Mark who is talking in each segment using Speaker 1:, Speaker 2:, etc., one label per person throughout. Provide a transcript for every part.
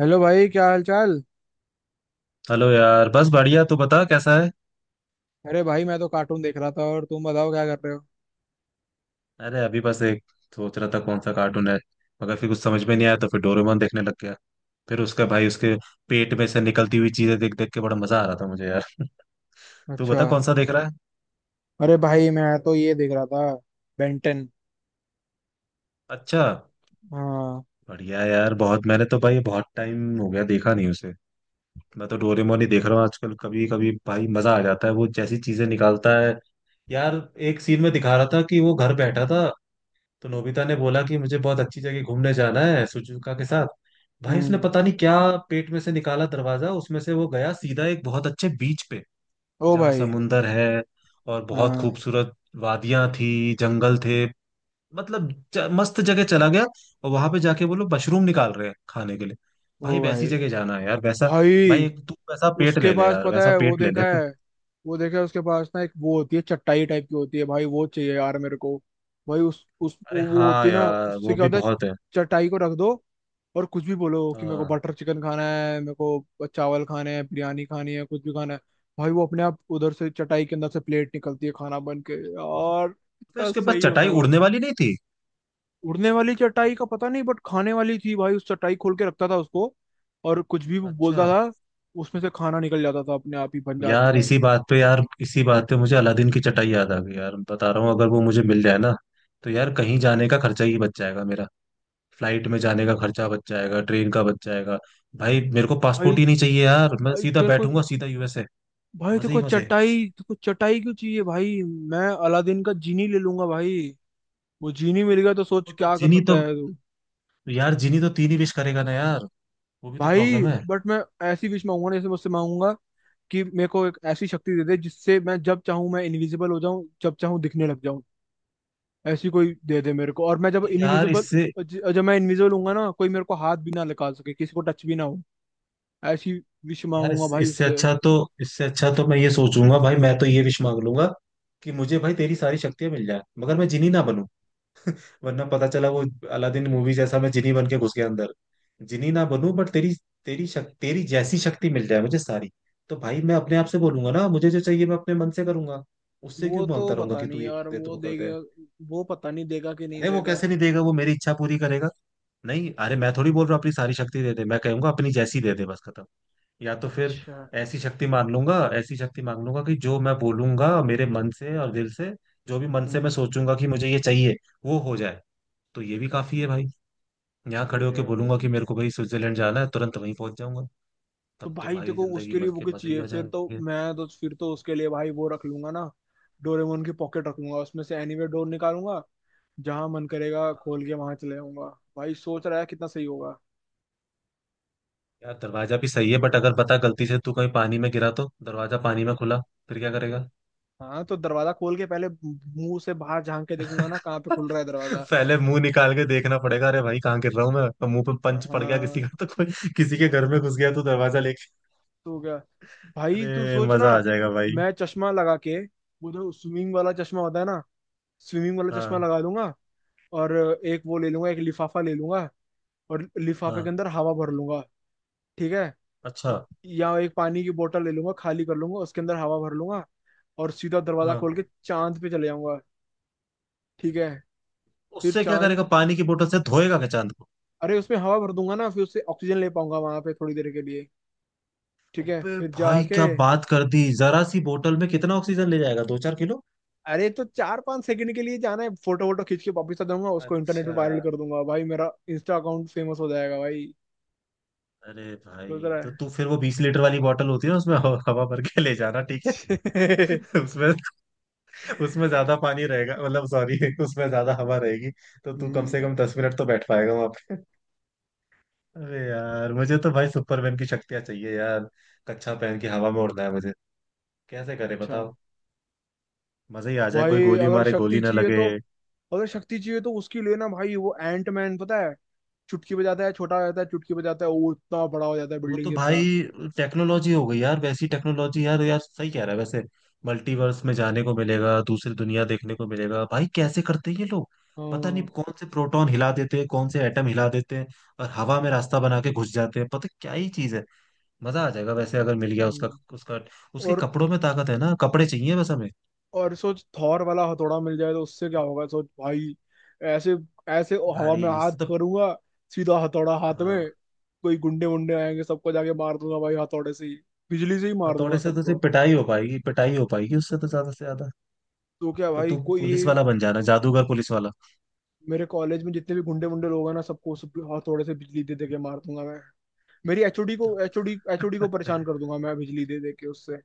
Speaker 1: Hello भाई, क्या हाल चाल।
Speaker 2: हेलो यार, बस बढ़िया। तू बता कैसा है।
Speaker 1: अरे भाई, मैं तो कार्टून देख रहा था। और तुम बताओ क्या कर रहे हो।
Speaker 2: अरे अभी बस एक सोच रहा था कौन सा कार्टून है, मगर फिर कुछ समझ में नहीं आया तो फिर डोरेमोन देखने लग गया। फिर उसका भाई, उसके पेट में से निकलती हुई चीजें देख देख के बड़ा मजा आ रहा था मुझे यार। तू
Speaker 1: अच्छा।
Speaker 2: बता कौन सा देख रहा है।
Speaker 1: अरे भाई, मैं तो ये देख रहा था। बेंटन।
Speaker 2: अच्छा।
Speaker 1: हाँ।
Speaker 2: बढ़िया है यार बहुत, मैंने तो भाई बहुत टाइम हो गया देखा नहीं उसे। मैं तो डोरेमोन ही देख रहा हूँ आजकल। कभी कभी भाई मजा आ जाता है, वो जैसी चीजें निकालता है। यार एक सीन में दिखा रहा था कि वो घर बैठा था, तो नोबिता ने बोला कि मुझे बहुत अच्छी जगह घूमने जाना है सुजुका के साथ। भाई उसने
Speaker 1: हम्म।
Speaker 2: पता नहीं क्या पेट में से निकाला दरवाजा, उसमें से वो गया सीधा एक बहुत अच्छे बीच पे
Speaker 1: ओ
Speaker 2: जहाँ
Speaker 1: भाई।
Speaker 2: समुंदर है और बहुत
Speaker 1: हाँ।
Speaker 2: खूबसूरत वादियां थी, जंगल थे, मतलब मस्त जगह चला गया। और वहां पे जाके वो लोग मशरूम निकाल रहे हैं खाने के लिए।
Speaker 1: ओ
Speaker 2: भाई वैसी
Speaker 1: भाई।
Speaker 2: जगह जाना है यार, वैसा। भाई
Speaker 1: भाई
Speaker 2: एक तू वैसा पेट
Speaker 1: उसके
Speaker 2: ले ले
Speaker 1: पास
Speaker 2: यार,
Speaker 1: पता
Speaker 2: वैसा
Speaker 1: है, वो
Speaker 2: पेट ले
Speaker 1: देखा
Speaker 2: ले।
Speaker 1: है। वो देखा है उसके पास ना, एक वो होती है चटाई टाइप की होती है भाई, वो चाहिए यार मेरे को। भाई उस
Speaker 2: अरे
Speaker 1: वो होती
Speaker 2: हाँ
Speaker 1: है ना,
Speaker 2: यार,
Speaker 1: उससे
Speaker 2: वो
Speaker 1: क्या
Speaker 2: भी
Speaker 1: होता है।
Speaker 2: बहुत है।
Speaker 1: चटाई को रख दो और कुछ भी बोलो कि मेरे को
Speaker 2: हाँ।
Speaker 1: बटर चिकन खाना है, मेरे को चावल खाने हैं, बिरयानी खानी है, कुछ भी खाना है। भाई वो अपने आप उधर से चटाई के अंदर से प्लेट निकलती है, खाना बन के। यार
Speaker 2: तो
Speaker 1: कितना
Speaker 2: उसके पास
Speaker 1: सही होता
Speaker 2: चटाई
Speaker 1: है भाई।
Speaker 2: उड़ने वाली नहीं थी।
Speaker 1: उड़ने वाली चटाई का पता नहीं, बट खाने वाली थी भाई। उस चटाई खोल के रखता था उसको और कुछ भी बोलता
Speaker 2: अच्छा।
Speaker 1: था, उसमें से खाना निकल जाता था, अपने आप ही बन जाता
Speaker 2: यार
Speaker 1: था
Speaker 2: इसी
Speaker 1: उसमें।
Speaker 2: बात पे यार इसी बात पे मुझे अलादीन की चटाई याद आ गई यार, बता रहा हूँ। अगर वो मुझे मिल जाए ना, तो यार कहीं जाने का खर्चा ही बच जाएगा मेरा। फ्लाइट में जाने का खर्चा बच जाएगा, ट्रेन का बच जाएगा। भाई मेरे को
Speaker 1: भाई।
Speaker 2: पासपोर्ट ही नहीं चाहिए यार, मैं
Speaker 1: भाई
Speaker 2: सीधा
Speaker 1: तेरे को,
Speaker 2: बैठूंगा सीधा यूएसए।
Speaker 1: भाई तेरे
Speaker 2: मजे
Speaker 1: को
Speaker 2: ही मजे।
Speaker 1: चटाई, तेरे को चटाई क्यों चाहिए भाई। मैं अलादीन का जीनी ले लूंगा भाई। वो जीनी मिल गया तो सोच
Speaker 2: वो तो
Speaker 1: क्या कर
Speaker 2: जिनी
Speaker 1: सकता
Speaker 2: तो
Speaker 1: है तू।
Speaker 2: यार जिनी तो तीन ही विश करेगा ना यार। वो भी तो
Speaker 1: भाई
Speaker 2: प्रॉब्लम है।
Speaker 1: बट मैं ऐसी विश मांगूंगा ना, जैसे मुझसे मांगूंगा कि मेरे को एक ऐसी शक्ति दे दे जिससे मैं जब चाहूं मैं इनविजिबल हो जाऊं, जब चाहूं दिखने लग जाऊं। ऐसी कोई दे दे मेरे को। और मैं जब
Speaker 2: तो यार
Speaker 1: इनविजिबल, जब मैं इनविजिबल हूंगा ना, कोई मेरे को हाथ भी ना लगा सके, किसी को टच भी ना हो। ऐसी विश मांगूंगा भाई
Speaker 2: इससे
Speaker 1: उससे।
Speaker 2: अच्छा तो, इससे अच्छा तो मैं ये सोचूंगा भाई। मैं तो ये विश मांग लूंगा कि मुझे भाई तेरी सारी शक्तियां मिल जाए, मगर मैं जिनी ना बनूं। वरना पता चला वो अलादीन मूवी जैसा मैं जिनी बन के घुस गया अंदर। जिनी ना बनूं, बट तेरी तेरी शक, तेरी जैसी शक्ति मिल जाए मुझे सारी। तो भाई मैं अपने आप से बोलूंगा ना मुझे जो चाहिए, मैं अपने मन से करूंगा। उससे क्यों
Speaker 1: वो तो
Speaker 2: मांगता रहूंगा
Speaker 1: पता
Speaker 2: कि
Speaker 1: नहीं
Speaker 2: तू ये
Speaker 1: यार
Speaker 2: कर दे तू
Speaker 1: वो
Speaker 2: वो कर दे।
Speaker 1: देगा। वो पता नहीं देगा कि नहीं
Speaker 2: अरे वो
Speaker 1: देगा।
Speaker 2: कैसे नहीं देगा, वो मेरी इच्छा पूरी करेगा। नहीं, अरे मैं थोड़ी बोल रहा हूँ अपनी सारी शक्ति दे दे। मैं कहूंगा अपनी जैसी दे दे बस, खत्म। या तो फिर
Speaker 1: अच्छा।
Speaker 2: ऐसी शक्ति मांग लूंगा, ऐसी शक्ति मांग लूंगा कि जो मैं बोलूंगा मेरे मन से और दिल से, जो भी मन से मैं
Speaker 1: हम्म।
Speaker 2: सोचूंगा कि मुझे ये चाहिए, वो हो जाए। तो ये भी काफी है भाई। यहाँ खड़े
Speaker 1: सही है
Speaker 2: होके
Speaker 1: भाई।
Speaker 2: बोलूंगा कि मेरे को भाई स्विट्जरलैंड जाना है, तुरंत वहीं पहुंच जाऊंगा।
Speaker 1: तो
Speaker 2: तब तो
Speaker 1: भाई
Speaker 2: भाई
Speaker 1: देखो
Speaker 2: जिंदगी
Speaker 1: उसके लिए
Speaker 2: मजे
Speaker 1: वो
Speaker 2: के
Speaker 1: क्या
Speaker 2: मजे ही
Speaker 1: चाहिए।
Speaker 2: आ
Speaker 1: फिर तो
Speaker 2: जाएंगे।
Speaker 1: मैं तो, फिर तो उसके लिए भाई वो रख लूंगा ना, डोरेमोन की पॉकेट रख लूंगा। उसमें से एनीवे डोर निकालूंगा, जहां मन करेगा खोल के वहां चले जाऊंगा। भाई सोच रहा है कितना सही होगा।
Speaker 2: यार दरवाजा भी सही है, बट अगर बता गलती से तू कहीं पानी में गिरा, तो दरवाजा पानी में खुला, फिर क्या करेगा।
Speaker 1: हाँ, तो दरवाजा खोल के पहले मुंह से बाहर झांक के देखूंगा ना कहाँ पे खुल रहा है दरवाजा।
Speaker 2: पहले मुंह निकाल के देखना पड़ेगा, अरे भाई कहाँ गिर रहा हूँ मैं। और मुंह पे पंच पड़ गया किसी
Speaker 1: हाँ।
Speaker 2: का तो, कोई किसी के घर में घुस गया तो दरवाजा लेके।
Speaker 1: तो क्या भाई, तू
Speaker 2: अरे
Speaker 1: सोच ना।
Speaker 2: मजा आ जाएगा भाई।
Speaker 1: मैं चश्मा लगा के, वो जो स्विमिंग वाला चश्मा होता है ना, स्विमिंग वाला चश्मा
Speaker 2: हाँ।
Speaker 1: लगा लूंगा। और एक वो ले लूंगा, एक लिफाफा ले लूंगा और लिफाफे के
Speaker 2: हाँ।
Speaker 1: अंदर हवा भर लूंगा। ठीक है।
Speaker 2: अच्छा।
Speaker 1: या एक पानी की बोतल ले लूंगा, खाली कर लूंगा, उसके अंदर हवा भर लूंगा और सीधा दरवाजा खोल के
Speaker 2: हाँ।
Speaker 1: चांद पे चले जाऊंगा। ठीक है। फिर
Speaker 2: उससे क्या
Speaker 1: चांद।
Speaker 2: करेगा, पानी की बोतल से धोएगा क्या चांद को।
Speaker 1: अरे उसमें हवा भर दूंगा ना, फिर उससे ऑक्सीजन ले पाऊंगा वहां पे थोड़ी देर के लिए। ठीक है
Speaker 2: अबे
Speaker 1: फिर
Speaker 2: भाई
Speaker 1: जाके।
Speaker 2: क्या बात कर दी, जरा सी बोतल में कितना ऑक्सीजन ले जाएगा, दो चार किलो।
Speaker 1: अरे तो 4-5 सेकंड के लिए जाना है। फोटो वोटो खींच के वापिस आ जाऊंगा, उसको इंटरनेट पे
Speaker 2: अच्छा।
Speaker 1: वायरल कर दूंगा भाई। मेरा इंस्टा अकाउंट फेमस हो जाएगा भाई।
Speaker 2: अरे
Speaker 1: सोच रहा
Speaker 2: भाई तो
Speaker 1: है।
Speaker 2: तू फिर वो 20 लीटर वाली बोतल होती है, उसमें हवा हवा भर के ले जाना, ठीक है। उसमें उसमें ज्यादा पानी रहेगा, मतलब सॉरी, उसमें ज्यादा हवा रहेगी। तो तू कम से
Speaker 1: हम्म।
Speaker 2: कम 10 मिनट तो बैठ पाएगा वहां पे। अरे यार मुझे तो भाई सुपरमैन की शक्तियां चाहिए यार। कच्छा पहन के हवा में उड़ना है मुझे, कैसे करे
Speaker 1: अच्छा।
Speaker 2: बताओ। मजा ही आ जाए, कोई
Speaker 1: भाई
Speaker 2: गोली
Speaker 1: अगर
Speaker 2: मारे
Speaker 1: शक्ति
Speaker 2: गोली ना
Speaker 1: चाहिए
Speaker 2: लगे।
Speaker 1: तो, अगर शक्ति चाहिए तो उसकी लेना भाई, वो एंट मैन पता है। चुटकी बजाता है छोटा हो जाता है, चुटकी बजाता है वो इतना बड़ा हो जाता है,
Speaker 2: वो
Speaker 1: बिल्डिंग
Speaker 2: तो
Speaker 1: जितना।
Speaker 2: भाई टेक्नोलॉजी हो गई यार, वैसी टेक्नोलॉजी यार, यार सही कह रहा है वैसे। मल्टीवर्स में जाने को मिलेगा, दूसरी दुनिया देखने को मिलेगा। भाई कैसे करते हैं ये लोग, पता नहीं
Speaker 1: हाँ।
Speaker 2: कौन से प्रोटॉन हिला देते हैं, कौन से एटम हिला देते हैं, और हवा में रास्ता बना के घुस जाते हैं। पता क्या ही चीज है। मजा आ जाएगा वैसे अगर मिल गया उसका।
Speaker 1: हम्म।
Speaker 2: उसका, उसके
Speaker 1: और
Speaker 2: कपड़ों में ताकत है ना, कपड़े चाहिए बस हमें।
Speaker 1: और सोच थॉर वाला हथौड़ा मिल जाए तो उससे क्या होगा, सोच भाई। ऐसे, ऐसे हवा
Speaker 2: भाई
Speaker 1: में हाथ
Speaker 2: इससे तो,
Speaker 1: करूंगा, सीधा हथौड़ा हाथ में।
Speaker 2: हाँ,
Speaker 1: कोई गुंडे वुंडे आएंगे सबको जाके मार दूंगा भाई हथौड़े से ही। बिजली से ही मार दूंगा
Speaker 2: हथौड़े से तो सिर्फ
Speaker 1: सबको।
Speaker 2: पिटाई हो पाएगी, पिटाई हो पाएगी उससे तो ज्यादा से ज्यादा।
Speaker 1: तो क्या
Speaker 2: तो
Speaker 1: भाई
Speaker 2: तू
Speaker 1: कोई ये।
Speaker 2: पुलिस वाला बन जाना, जादूगर पुलिस वाला।
Speaker 1: मेरे कॉलेज में जितने भी गुंडे वुंडे लोग हैं ना, सबको, सब हथौड़े से बिजली दे दे के मार दूंगा मैं। मेरी एचओडी को, एचओडी एचओडी को परेशान कर दूंगा मैं बिजली दे दे के उससे।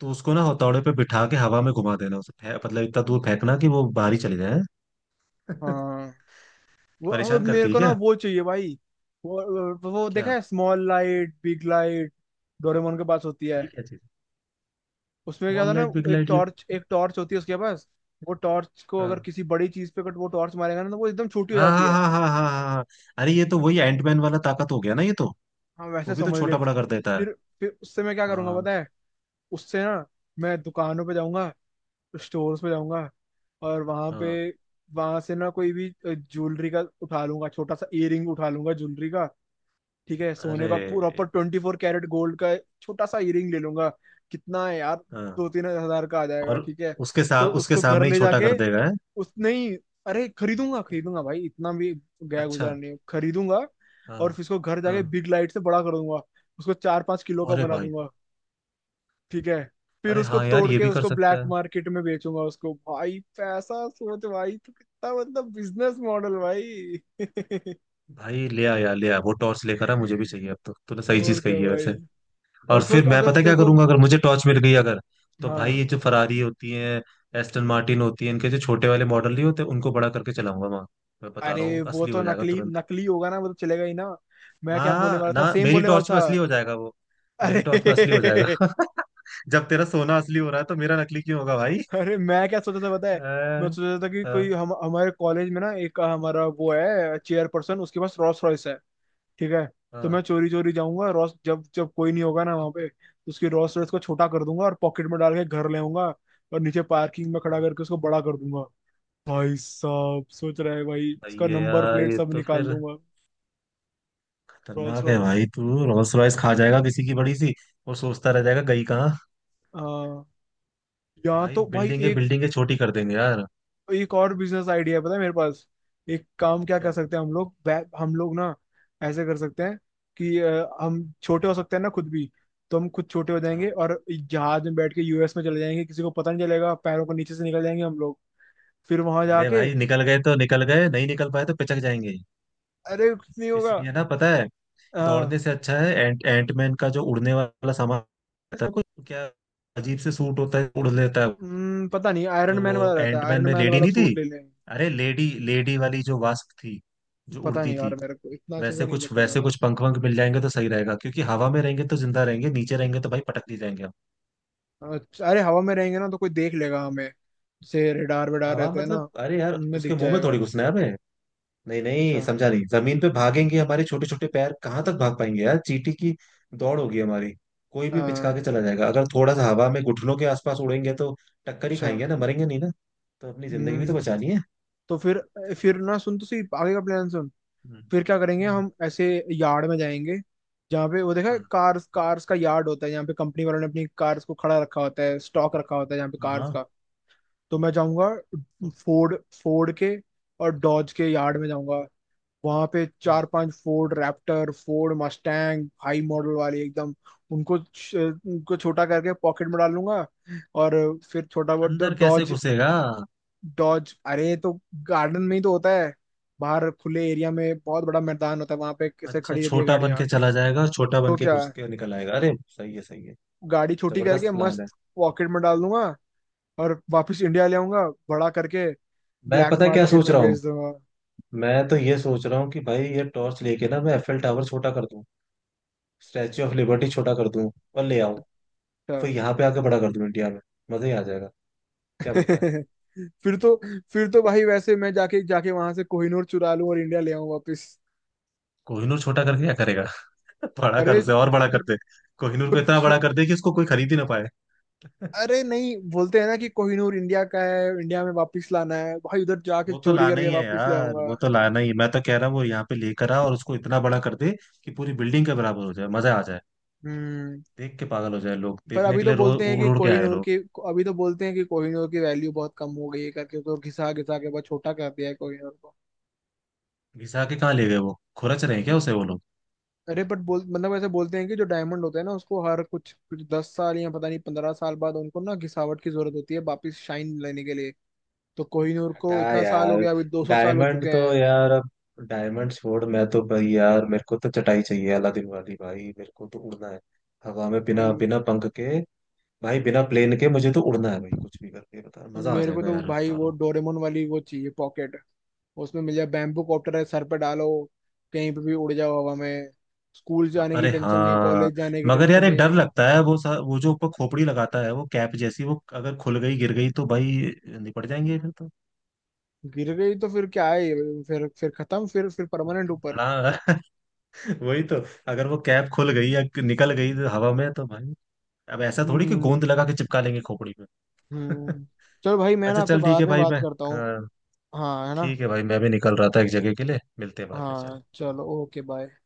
Speaker 2: तो उसको ना हथौड़े पे बिठा के हवा में घुमा देना उसे, मतलब इतना दूर फेंकना कि वो बाहर ही चले जाए।
Speaker 1: हाँ। वो और
Speaker 2: परेशान
Speaker 1: मेरे
Speaker 2: करती है
Speaker 1: को ना
Speaker 2: क्या।
Speaker 1: वो चाहिए भाई। वो
Speaker 2: क्या।
Speaker 1: देखा है small light big light, Doraemon के पास होती है।
Speaker 2: ये क्या चीज।
Speaker 1: उसमें क्या था
Speaker 2: स्मॉल
Speaker 1: ना,
Speaker 2: लाइट बिग
Speaker 1: एक
Speaker 2: लाइट ये।
Speaker 1: टॉर्च, एक टॉर्च होती है उसके पास। वो टॉर्च को अगर
Speaker 2: हाँ
Speaker 1: किसी बड़ी चीज पे अगर वो टॉर्च मारेगा ना, तो वो एकदम छोटी हो
Speaker 2: हाँ
Speaker 1: जाती
Speaker 2: हाँ
Speaker 1: है।
Speaker 2: हाँ हाँ हाँ हाँ हाँ। अरे ये तो वही एंटमैन वाला ताकत हो गया ना ये तो।
Speaker 1: हाँ वैसे
Speaker 2: वो भी तो
Speaker 1: समझ ले,
Speaker 2: छोटा बड़ा कर देता है।
Speaker 1: फिर उससे मैं क्या करूंगा
Speaker 2: हाँ।
Speaker 1: पता है। उससे ना मैं दुकानों पे जाऊंगा, स्टोर्स पे जाऊंगा और वहां पे,
Speaker 2: हाँ।
Speaker 1: वहां से ना कोई भी ज्वेलरी का उठा लूंगा, छोटा सा ईयरिंग उठा लूंगा ज्वेलरी का। ठीक है, सोने
Speaker 2: अरे
Speaker 1: का प्रॉपर 24 कैरेट गोल्ड का। छोटा सा ईयरिंग ले लूंगा। कितना है यार,
Speaker 2: हाँ।
Speaker 1: 2-3 हजार का आ जाएगा।
Speaker 2: और
Speaker 1: ठीक है।
Speaker 2: उसके
Speaker 1: तो
Speaker 2: साथ, उसके
Speaker 1: उसको घर
Speaker 2: सामने ही
Speaker 1: ले
Speaker 2: छोटा
Speaker 1: जाके,
Speaker 2: कर देगा है।
Speaker 1: उस नहीं, अरे खरीदूंगा खरीदूंगा भाई, इतना भी गया
Speaker 2: अच्छा।
Speaker 1: गुजार नहीं। खरीदूंगा। और
Speaker 2: हाँ।
Speaker 1: फिर उसको घर
Speaker 2: हाँ।
Speaker 1: जाके बिग लाइट से बड़ा कर दूंगा, उसको 4-5 किलो का
Speaker 2: अरे
Speaker 1: बना
Speaker 2: भाई।
Speaker 1: दूंगा। ठीक है। फिर
Speaker 2: अरे
Speaker 1: उसको
Speaker 2: हाँ यार,
Speaker 1: तोड़
Speaker 2: ये
Speaker 1: के
Speaker 2: भी कर
Speaker 1: उसको ब्लैक
Speaker 2: सकता है।
Speaker 1: मार्केट में बेचूंगा उसको। भाई पैसा सोच भाई, तो कितना मतलब बिजनेस मॉडल भाई।
Speaker 2: भाई ले आ यार, ले आ वो टॉर्च लेकर आ, मुझे भी चाहिए अब तो। तूने सही चीज
Speaker 1: और क्या
Speaker 2: कही है वैसे।
Speaker 1: भाई।
Speaker 2: और
Speaker 1: और
Speaker 2: फिर
Speaker 1: सोच
Speaker 2: मैं
Speaker 1: अगर
Speaker 2: पता है
Speaker 1: तेरे
Speaker 2: क्या
Speaker 1: को।
Speaker 2: करूंगा अगर मुझे टॉर्च मिल गई। अगर, तो भाई
Speaker 1: हाँ।
Speaker 2: ये जो फरारी होती है, एस्टन मार्टिन होती है, इनके जो छोटे वाले मॉडल नहीं होते, उनको बड़ा करके चलाऊंगा वहां। मैं बता रहा
Speaker 1: अरे
Speaker 2: हूँ
Speaker 1: वो
Speaker 2: असली
Speaker 1: तो
Speaker 2: हो जाएगा
Speaker 1: नकली,
Speaker 2: तुरंत।
Speaker 1: नकली होगा ना, वो तो चलेगा ही ना। मैं
Speaker 2: ना,
Speaker 1: क्या बोलने वाला था,
Speaker 2: ना,
Speaker 1: सेम
Speaker 2: मेरी
Speaker 1: बोलने वाला
Speaker 2: टॉर्च में
Speaker 1: था।
Speaker 2: असली हो जाएगा वो। मेरी टॉर्च में असली हो
Speaker 1: अरे।
Speaker 2: जाएगा। जब तेरा सोना असली हो रहा है तो मेरा नकली क्यों होगा भाई।
Speaker 1: अरे मैं क्या सोचा था पता है। मैं
Speaker 2: अ,
Speaker 1: सोचा था कि कोई
Speaker 2: अ,
Speaker 1: हम, हमारे कॉलेज में ना एक हमारा वो है चेयर पर्सन, उसके पास रोल्स रॉयस है। ठीक है। तो
Speaker 2: अ,
Speaker 1: मैं चोरी चोरी जाऊंगा, रोस, जब जब कोई नहीं होगा ना वहां पे, तो उसकी रोल्स रॉयस को छोटा कर दूंगा और पॉकेट में डाल के घर ले आऊंगा। और नीचे पार्किंग में खड़ा करके उसको बड़ा कर दूंगा। भाई साहब सोच रहा है भाई, उसका
Speaker 2: ये
Speaker 1: नंबर
Speaker 2: यार,
Speaker 1: प्लेट
Speaker 2: ये
Speaker 1: सब
Speaker 2: तो
Speaker 1: निकाल
Speaker 2: फिर
Speaker 1: दूंगा। रोल्स
Speaker 2: खतरनाक है
Speaker 1: रॉयस।
Speaker 2: भाई। तू रोल्स रॉयस खा जाएगा किसी की बड़ी सी, और सोचता रह जाएगा गई कहाँ।
Speaker 1: हाँ। यहाँ
Speaker 2: भाई
Speaker 1: तो
Speaker 2: बिल्डिंगे
Speaker 1: भाई,
Speaker 2: बिल्डिंगे छोटी कर देंगे यार।
Speaker 1: एक और बिजनेस आइडिया पता है मेरे पास। एक काम क्या कर
Speaker 2: क्या।
Speaker 1: सकते हैं हम लोग, हम लोग ना ऐसे कर सकते हैं कि हम छोटे हो सकते हैं ना खुद भी। तो हम खुद छोटे हो जाएंगे
Speaker 2: हाँ।
Speaker 1: और जहाज में बैठ के यूएस में चले जाएंगे, किसी को पता नहीं चलेगा, पैरों को नीचे से निकल जाएंगे हम लोग। फिर वहां
Speaker 2: अरे
Speaker 1: जाके।
Speaker 2: भाई निकल गए तो निकल गए, नहीं निकल पाए तो पिचक जाएंगे।
Speaker 1: अरे कुछ नहीं होगा।
Speaker 2: इसलिए ना, पता है,
Speaker 1: हाँ।
Speaker 2: दौड़ने से अच्छा है एंटमैन का जो उड़ने वाला सामान रहता है कुछ, क्या अजीब से सूट होता है, उड़ लेता है।
Speaker 1: पता नहीं आयरन
Speaker 2: जो
Speaker 1: मैन वाला
Speaker 2: वो
Speaker 1: रहता है,
Speaker 2: एंटमैन
Speaker 1: आयरन
Speaker 2: में
Speaker 1: मैन
Speaker 2: लेडी
Speaker 1: वाला
Speaker 2: नहीं थी,
Speaker 1: सूट ले लेंगे।
Speaker 2: अरे लेडी, लेडी वाली जो वास्प थी, जो
Speaker 1: पता
Speaker 2: उड़ती
Speaker 1: नहीं यार,
Speaker 2: थी।
Speaker 1: मेरे को इतना अच्छे
Speaker 2: वैसे
Speaker 1: से नहीं
Speaker 2: कुछ,
Speaker 1: देखा मैंने।
Speaker 2: पंख वंख मिल जाएंगे तो सही रहेगा, क्योंकि हवा में रहेंगे तो जिंदा रहेंगे, नीचे रहेंगे तो भाई पटक नहीं जाएंगे हम।
Speaker 1: अच्छा, अरे हवा में रहेंगे ना तो कोई देख लेगा हमें, जैसे रेडार वेडार
Speaker 2: हवा
Speaker 1: रहते हैं ना,
Speaker 2: मतलब, अरे यार
Speaker 1: उनमें
Speaker 2: उसके
Speaker 1: दिख
Speaker 2: मुंह में
Speaker 1: जाएगा।
Speaker 2: थोड़ी घुसना है हमें। नहीं नहीं,
Speaker 1: अच्छा।
Speaker 2: समझा नहीं। जमीन पे भागेंगे हमारे छोटे छोटे पैर, कहाँ तक भाग पाएंगे यार, चींटी की दौड़ होगी हमारी। कोई भी पिचका
Speaker 1: हाँ।
Speaker 2: के चला जाएगा। अगर थोड़ा सा हवा में घुटनों के आसपास उड़ेंगे तो टक्कर ही
Speaker 1: अच्छा।
Speaker 2: खाएंगे ना, मरेंगे नहीं ना। तो अपनी जिंदगी भी तो
Speaker 1: हम्म।
Speaker 2: बचानी है।
Speaker 1: तो फिर ना सुन तो सही, आगे का प्लान सुन।
Speaker 2: हम्म।
Speaker 1: फिर क्या करेंगे
Speaker 2: हम्म।
Speaker 1: हम, ऐसे यार्ड में जाएंगे, जहाँ पे वो देखा है
Speaker 2: हाँ।
Speaker 1: कार्स, कार्स का यार्ड होता है जहाँ पे कंपनी वालों ने अपनी कार्स को खड़ा रखा होता है, स्टॉक रखा होता है जहाँ पे कार्स
Speaker 2: हाँ।
Speaker 1: का। तो मैं जाऊंगा
Speaker 2: तो-।
Speaker 1: फोर्ड, फोर्ड के और डॉज के यार्ड में जाऊंगा। वहां पे
Speaker 2: हाँ।
Speaker 1: 4-5 Ford Raptor, Ford Mustang, high model वाले एकदम, उनको छोटा करके पॉकेट में डाल लूंगा। और फिर छोटा बहुत।
Speaker 2: अंदर कैसे
Speaker 1: डॉज,
Speaker 2: घुसेगा।
Speaker 1: डॉज। अरे तो गार्डन में ही तो होता है, बाहर खुले एरिया में बहुत बड़ा मैदान होता है वहां पे, कैसे
Speaker 2: अच्छा,
Speaker 1: खड़ी रहती है
Speaker 2: छोटा बन
Speaker 1: गाड़ियाँ।
Speaker 2: के चला जाएगा और छोटा बन
Speaker 1: तो
Speaker 2: के
Speaker 1: क्या,
Speaker 2: घुस के निकल आएगा। अरे सही है सही है।
Speaker 1: गाड़ी छोटी करके
Speaker 2: जबरदस्त प्लान है।
Speaker 1: मस्त पॉकेट में डाल दूंगा और वापस इंडिया ले आऊंगा बड़ा करके।
Speaker 2: मैं
Speaker 1: ब्लैक
Speaker 2: पता है क्या
Speaker 1: मार्केट
Speaker 2: सोच
Speaker 1: में
Speaker 2: रहा हूँ।
Speaker 1: बेच दूंगा।
Speaker 2: मैं तो ये सोच रहा हूँ कि भाई ये टॉर्च लेके ना मैं एफएल टावर छोटा कर दूँ, स्टैच्यू ऑफ लिबर्टी छोटा कर दूं और ले आऊं।
Speaker 1: अच्छा।
Speaker 2: फिर यहाँ पे आके बड़ा कर दूं इंडिया में। मजा ही आ जाएगा। क्या बोलता है।
Speaker 1: फिर तो, फिर तो भाई वैसे मैं जाके, जाके वहां से कोहिनूर चुरा लूं और इंडिया ले आऊं वापस।
Speaker 2: कोहिनूर छोटा करके क्या करेगा। बड़ा कर
Speaker 1: अरे
Speaker 2: उसे, और बड़ा कर
Speaker 1: खुद,
Speaker 2: दे। कोहिनूर को
Speaker 1: खुद
Speaker 2: इतना बड़ा
Speaker 1: छु-
Speaker 2: कर दे कि उसको कोई खरीद ही ना पाए।
Speaker 1: अरे नहीं, बोलते हैं ना कि कोहिनूर इंडिया का है, इंडिया में वापस लाना है भाई। उधर जाके
Speaker 2: वो तो
Speaker 1: चोरी
Speaker 2: लाना
Speaker 1: करके
Speaker 2: ही है
Speaker 1: वापस ले
Speaker 2: यार,
Speaker 1: आऊंगा।
Speaker 2: वो तो लाना ही है। मैं तो कह रहा हूँ वो यहाँ पे लेकर आ और उसको इतना बड़ा कर दे कि पूरी बिल्डिंग के बराबर हो जाए, मजा आ जाए।
Speaker 1: हम्म।
Speaker 2: देख के पागल हो जाए लोग,
Speaker 1: पर
Speaker 2: देखने
Speaker 1: अभी
Speaker 2: के
Speaker 1: तो
Speaker 2: लिए रो,
Speaker 1: बोलते हैं
Speaker 2: उड़
Speaker 1: कि
Speaker 2: उड़ के आए
Speaker 1: कोहिनूर
Speaker 2: लोग।
Speaker 1: की, अभी तो बोलते हैं कि कोहिनूर की वैल्यू बहुत कम हो गई है करके, तो घिसा घिसा के बहुत छोटा कर दिया है कोहिनूर को।
Speaker 2: घिसा के कहाँ ले गए, वो खुरच रहे हैं क्या उसे वो लोग।
Speaker 1: अरे बट बोल, मतलब ऐसे बोलते हैं कि जो डायमंड होते हैं ना, उसको हर कुछ कुछ 10 साल या पता नहीं 15 साल बाद उनको ना घिसावट की जरूरत होती है वापिस शाइन लेने के लिए। तो कोहिनूर
Speaker 2: हटा
Speaker 1: को इतना साल हो
Speaker 2: यार,
Speaker 1: गया, अभी 200 साल हो
Speaker 2: डायमंड
Speaker 1: चुके
Speaker 2: तो
Speaker 1: हैं।
Speaker 2: यार अब, डायमंड छोड़। मैं तो भाई यार मेरे को तो चटाई चाहिए अलादीन वाली भाई, मेरे को तो उड़ना है हवा में बिना
Speaker 1: अम,
Speaker 2: बिना पंख के। भाई बिना प्लेन के मुझे तो उड़ना है भाई। कुछ भी करके बता, मजा आ
Speaker 1: मेरे को
Speaker 2: जाएगा
Speaker 1: तो
Speaker 2: यार
Speaker 1: भाई
Speaker 2: बता रहा
Speaker 1: वो
Speaker 2: हूँ।
Speaker 1: डोरेमोन वाली वो चाहिए, पॉकेट। उसमें मिल जाए बैम्बू कॉप्टर है, सर पे डालो, कहीं पे भी उड़ जाओ हवा में। स्कूल
Speaker 2: हाँ,
Speaker 1: जाने की
Speaker 2: अरे
Speaker 1: टेंशन नहीं,
Speaker 2: हाँ।
Speaker 1: कॉलेज जाने की
Speaker 2: मगर
Speaker 1: टेंशन
Speaker 2: यार एक डर
Speaker 1: नहीं।
Speaker 2: लगता है, वो जो ऊपर खोपड़ी लगाता है वो कैप जैसी, वो अगर खुल गई गिर गई तो भाई निपट जाएंगे फिर तो।
Speaker 1: गिर गई तो फिर क्या है, फिर खत्म, फिर परमानेंट ऊपर।
Speaker 2: हाँ। वही तो, अगर वो कैप खुल गई या निकल गई हवा में तो भाई, अब ऐसा थोड़ी कि गोंद
Speaker 1: हम्म।
Speaker 2: लगा के चिपका लेंगे खोपड़ी में।
Speaker 1: हम्म। चलो भाई, मैं ना
Speaker 2: अच्छा
Speaker 1: आपसे
Speaker 2: चल, ठीक
Speaker 1: बाद
Speaker 2: है
Speaker 1: में
Speaker 2: भाई,
Speaker 1: बात
Speaker 2: मैं।
Speaker 1: करता हूँ।
Speaker 2: हाँ।
Speaker 1: हाँ है ना।
Speaker 2: ठीक है भाई मैं भी निकल रहा था एक जगह के लिए। मिलते हैं बाद में, चल।
Speaker 1: हाँ चलो, ओके, बाय।